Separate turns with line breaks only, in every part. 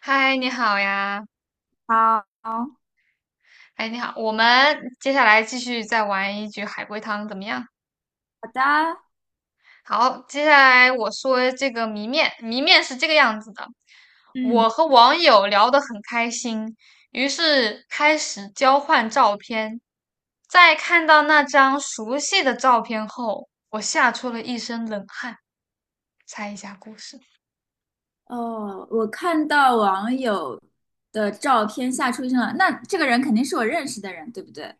嗨，你好呀！
好，好
哎，你好，我们接下来继续再玩一局海龟汤，怎么样？
的。
好，接下来我说这个谜面，谜面是这个样子的：我和网友聊得很开心，于是开始交换照片。在看到那张熟悉的照片后，我吓出了一身冷汗。猜一下故事。
哦，我看到网友的照片吓出一身冷，那这个人肯定是我认识的人，对不对？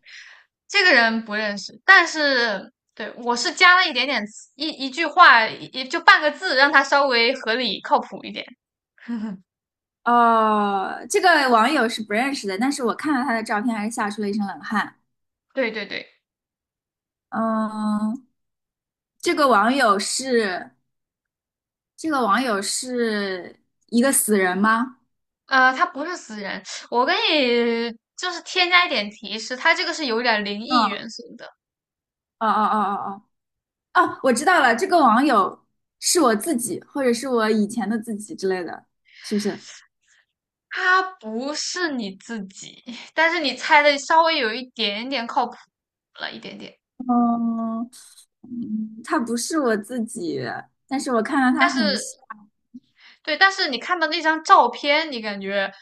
这个人不认识，但是对我是加了一点点词一一句话，也就半个字，让他稍微合理靠谱一点。
哦，这个网友是不认识的，但是我看到他的照片，还是吓出了一身冷汗。
对对对，
嗯，这个网友是这个网友是一个死人吗？
他不是死人，我给你就是添加一点提示，他这个是有点灵异
嗯，
元素的，
哦哦哦哦哦，我知道了，这个网友是我自己，或者是我以前的自己之类的，是不是？
他不是你自己，但是你猜的稍微有一点点靠谱了一点点，
嗯它不是我自己，但是我看到
但
他很
是
像。
对，但是你看到那张照片，你感觉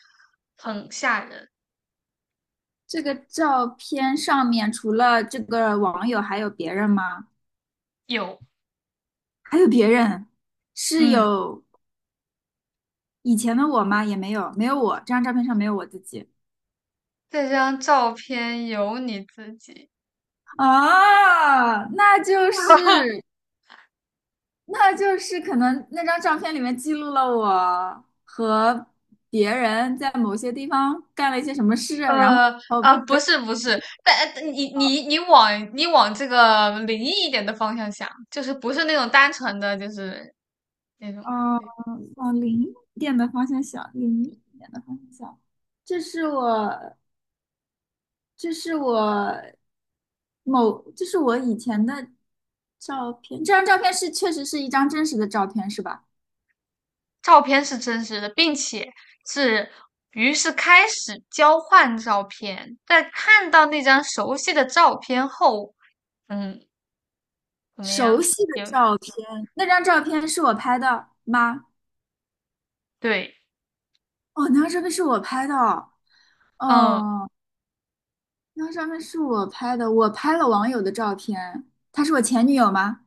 很吓人，
这个照片上面除了这个网友，还有别人吗？
有，
还有别人，是
嗯。
有以前的我吗？也没有，没有我。这张照片上没有我自己。
这张照片有你自己，
啊，那就 是可能那张照片里面记录了我和别人在某些地方干了一些什么事，然后。
不是不是，但你往这个灵异一点的方向想，就是不是那种单纯的，就是那种
嗯，
对，
往零一点的方向想，零一点的方向想。这是我，这是我某，这是我以前的照片。这张照片是确实是一张真实的照片，是吧？
照片是真实的，并且是于是开始交换照片，在看到那张熟悉的照片后，嗯，怎么
熟
样？
悉的
有
照片，那张照片是我拍的吗？
对，
哦，那张照片是我拍的哦。
嗯，
哦，那张照片是我拍的，我拍了网友的照片。她是我前女友吗？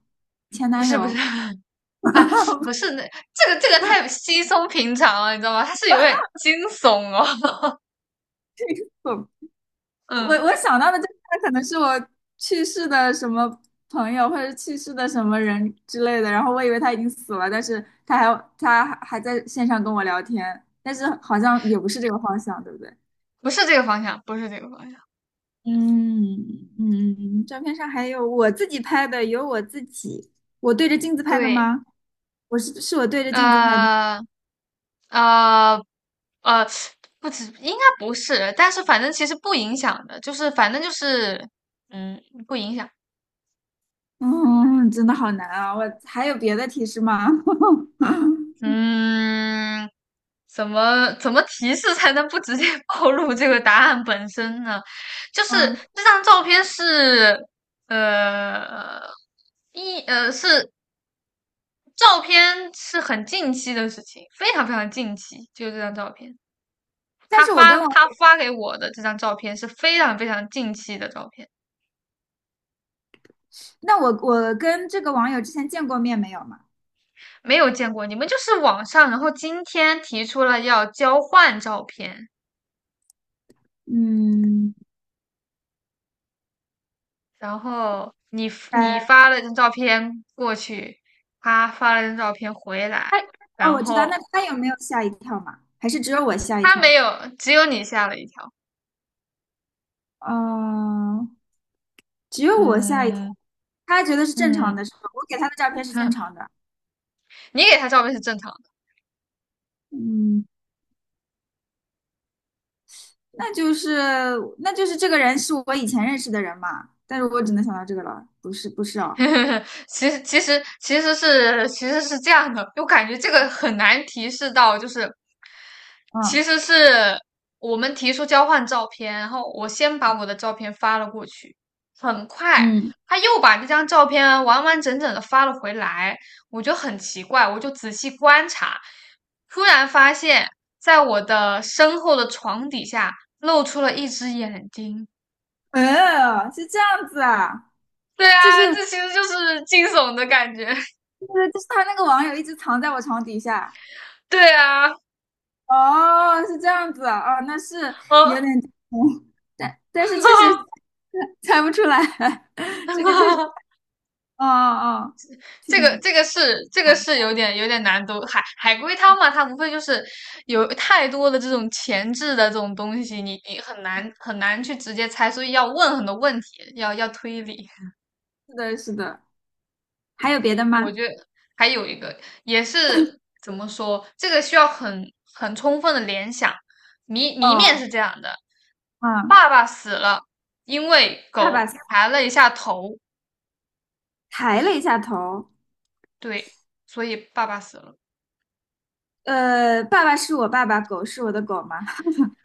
前
不
男
是不是。
友？
啊，不是那这个这个太稀松平常了，你知道吗？它是有点惊悚哦，
不。我
嗯，
我想到的这个可能是我去世的什么朋友，或者是去世的什么人之类的，然后我以为他已经死了，但是他还在线上跟我聊天，但是好像也不是这个方向，对不对？
不是这个方向，不是这个方向，
嗯，嗯，照片上还有我自己拍的，有我自己，我对着镜子拍的
对，
吗？我是我对着镜子拍的。
呃呃呃，不止，应该不是，但是反正其实不影响的，就是反正就是，嗯，不影响，
嗯，真的好难啊！我还有别的提示吗？
嗯，怎么提示才能不直接 暴露这个答案本身呢？就是
嗯，
这张照片是，呃，一呃是照片是很近期的事情，非常非常近期，就这张照片。
但是我跟
他
我，
发给我的这张照片是非常非常近期的照片，
那我跟这个网友之前见过面没有嘛？
没有见过。你们就是网上，然后今天提出了要交换照片，
嗯，
然后你
呃，
你发了张照片过去，他发了张照片回来，
他哦，
然
我知道，
后
那他有没有吓一跳嘛？还是只有我吓一
他
跳？
没有，只有你吓了一跳。
嗯、只有我吓一跳。
嗯
他觉得是正常
嗯，
的，是吧？我给他的照片是正常 的。
你给他照片是正常
嗯，那就是这个人是我以前认识的人嘛？但是我只能想到这个了，不是不是哦，
其实是这样的，我感觉这个很难提示到，就是其实是我们提出交换照片，然后我先把我的照片发了过去，很快
嗯，
他又把那张照片完完整整的发了回来，我就很奇怪，我就仔细观察，突然发现，在我的身后的床底下露出了一只眼睛。
嗯，是这样子啊，
对
就
啊，
是
这
就
其实就是惊悚的感觉。
是就是他那个网友一直藏在我床底下，
对啊。
哦，是这样子啊，哦，那是有点，
哦，
嗯，但但是确实猜不出来，这个确实，哦哦，挺
这个是有点有点难度。海龟汤嘛，它无非就是有太多的这种前置的这种东西，你很难很难去直接猜，所以要问很多问题，要要推理。
是的，是的，还有
哎，
别的
我
吗？
觉得还有一个也是怎么说，这个需要很很充分的联想。谜面
哦，
是这样的：
嗯，
爸爸死了，因为
爸爸
狗抬了一下头，
抬了一下头，
对，所以爸爸死了。
爸爸是我爸爸，狗是我的狗吗？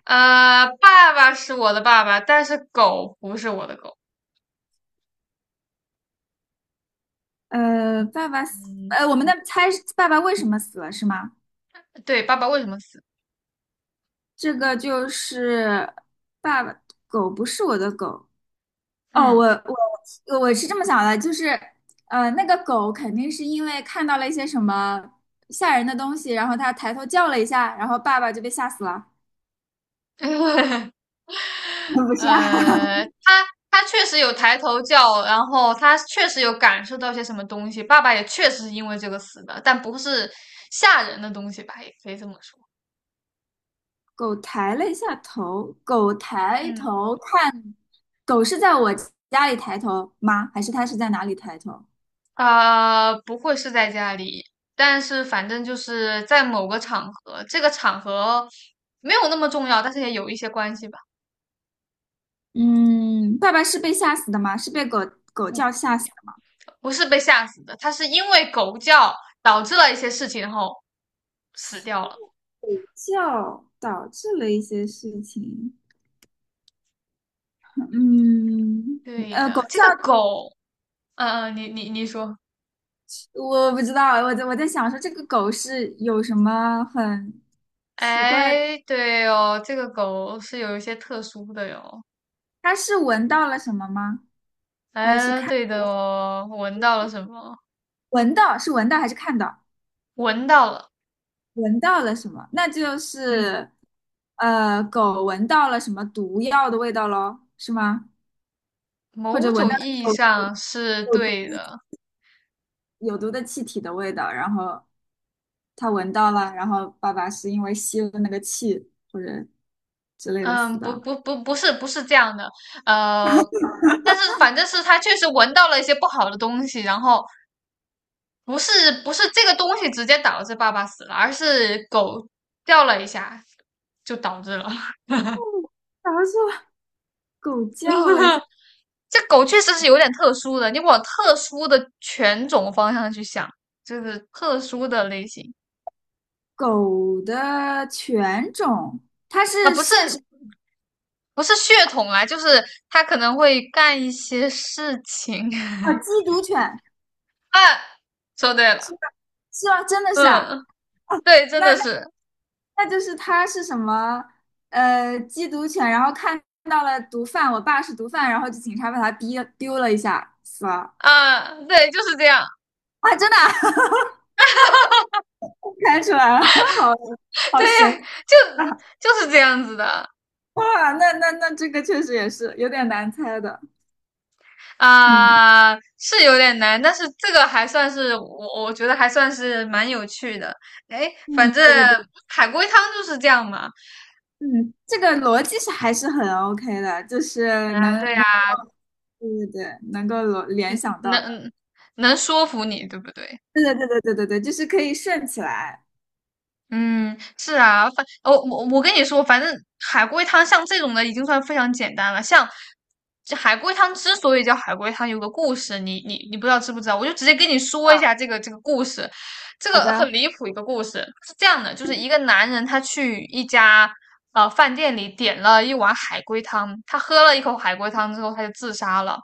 爸爸是我的爸爸，但是狗不是我的狗。
呃，爸爸死，
嗯，
呃，我们的猜是爸爸为什么死了是吗？
对，爸爸为什么死？
这个就是爸爸，狗不是我的狗，哦，
嗯，
我是这么想的，就是，那个狗肯定是因为看到了一些什么吓人的东西，然后它抬头叫了一下，然后爸爸就被吓死了 我不吓。
他他确实有抬头叫，然后他确实有感受到些什么东西。爸爸也确实是因为这个死的，但不是吓人的东西吧，也可以这么说。
狗抬了一下头，狗抬
嗯，
头看，狗是在我家里抬头吗？还是它是在哪里抬头？
啊，不会是在家里，但是反正就是在某个场合，这个场合没有那么重要，但是也有一些关系吧。
嗯，爸爸是被吓死的吗？是被狗
嗯，
叫吓死的？
不是被吓死的，他是因为狗叫导致了一些事情，然后死掉了。
狗叫导致了一些事情。嗯，
对
狗
的，这个
叫。
狗，嗯、嗯，你说，
我不知道，我在想说这个狗是有什么很奇怪的？
哎，对哦，这个狗是有一些特殊的哟。
它是闻到了什么吗？还是
哎，
看
对的哦，闻到了什么？
闻到是闻到还是看到？
闻到了，
闻到了什么？那就
嗯，
是狗闻到了什么毒药的味道咯，是吗？或者
某
闻
种
到
意义
有
上是
有
对
毒
的。
有毒的气体的味道，然后它闻到了，然后爸爸是因为吸了那个气或者之类的死
嗯，
的。
不
哦，
不不，不是不是这样的，呃，但是反正是他确实闻到了一些不好的东西，然后不是不是这个东西直接导致爸爸死了，而是狗掉了一下就导致了。
然后说狗叫了一下。
这狗确实是有点特殊的，你往特殊的犬种方向去想，就是特殊的类型
狗的犬种，它
啊，
是
不是
现实
不是血统啊，就是它可能会干一些事情。
哦，缉毒犬
啊，说对了，
是吗？真的是啊？
嗯，对，真
那
的
那
是
那就是它是什么？缉毒犬，然后看到了毒贩，我爸是毒贩，然后就警察把他逼丢了一下，死了。
啊，对，就是这样，
啊，真的啊 看出来了，好
对，
好神奇
就
啊！
就是这样子的。
哇，那那这个确实也是有点难猜的。嗯，
啊，是有点难，但是这个还算是我，我觉得还算是蛮有趣的。哎，
嗯，
反正
对对对，
海龟汤就是这样嘛。
嗯，这个逻辑是还是很 OK 的，就是能
啊，对呀，
能。对对对，能够联联想到的，
能能说服你，对不对？
对对对对对对对，就是可以顺起来。
嗯，是啊，反我我我跟你说，反正海龟汤像这种的已经算非常简单了。像这海龟汤之所以叫海龟汤，有个故事，你不知道知不知道？我就直接跟你说一
啊，
下这个故事，这
好的
个很离谱一个故事，是这样的，就是一个男人他去一家饭店里点了一碗海龟汤，他喝了一口海龟汤之后他就自杀了。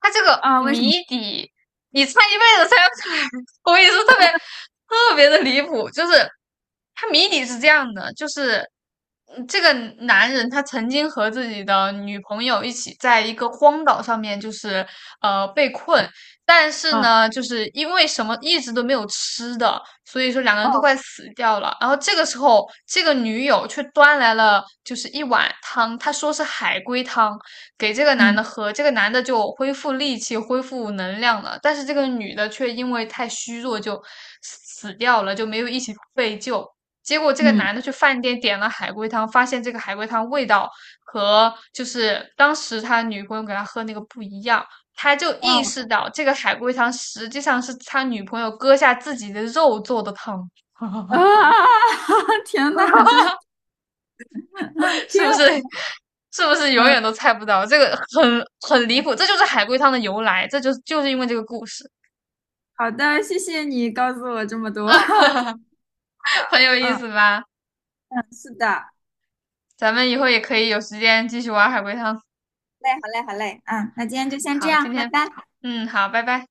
他这个
啊，为什么
谜底你猜一辈子猜不出来，我跟你说特别特别的离谱，就是他谜底是这样的，就是嗯这个男人他曾经和自己的女朋友一起在一个荒岛上面，就是被困，但是
啊？
呢，就是因为什么一直都没有吃的，所以说两个人都快
哦，
死掉了。然后这个时候，这个女友却端来了就是一碗汤，她说是海龟汤，给这个男的
嗯
喝，这个男的就恢复力气、恢复能量了。但是这个女的却因为太虚弱就死掉了，就没有一起被救。结果这个
嗯，
男的去饭店点了海龟汤，发现这个海龟汤味道和就是当时他女朋友给他喝那个不一样，他就意识
啊
到这个海龟汤实际上是他女朋友割下自己的肉做的汤，
啊，天呐，就是
是
天，
不是？是不是永远
嗯，
都猜不到？这个很很离谱，这就是海龟汤的由来，这就就是因为这个故事，
好的，谢谢你告诉我这么多，对 的，
很有意思
嗯，
吧？
是的，好
咱们以后也可以有时间继续玩海龟汤。
嘞，好嘞，好嘞，嗯，那今天就先这
好，
样，
今
拜
天，
拜。
嗯，好，拜拜。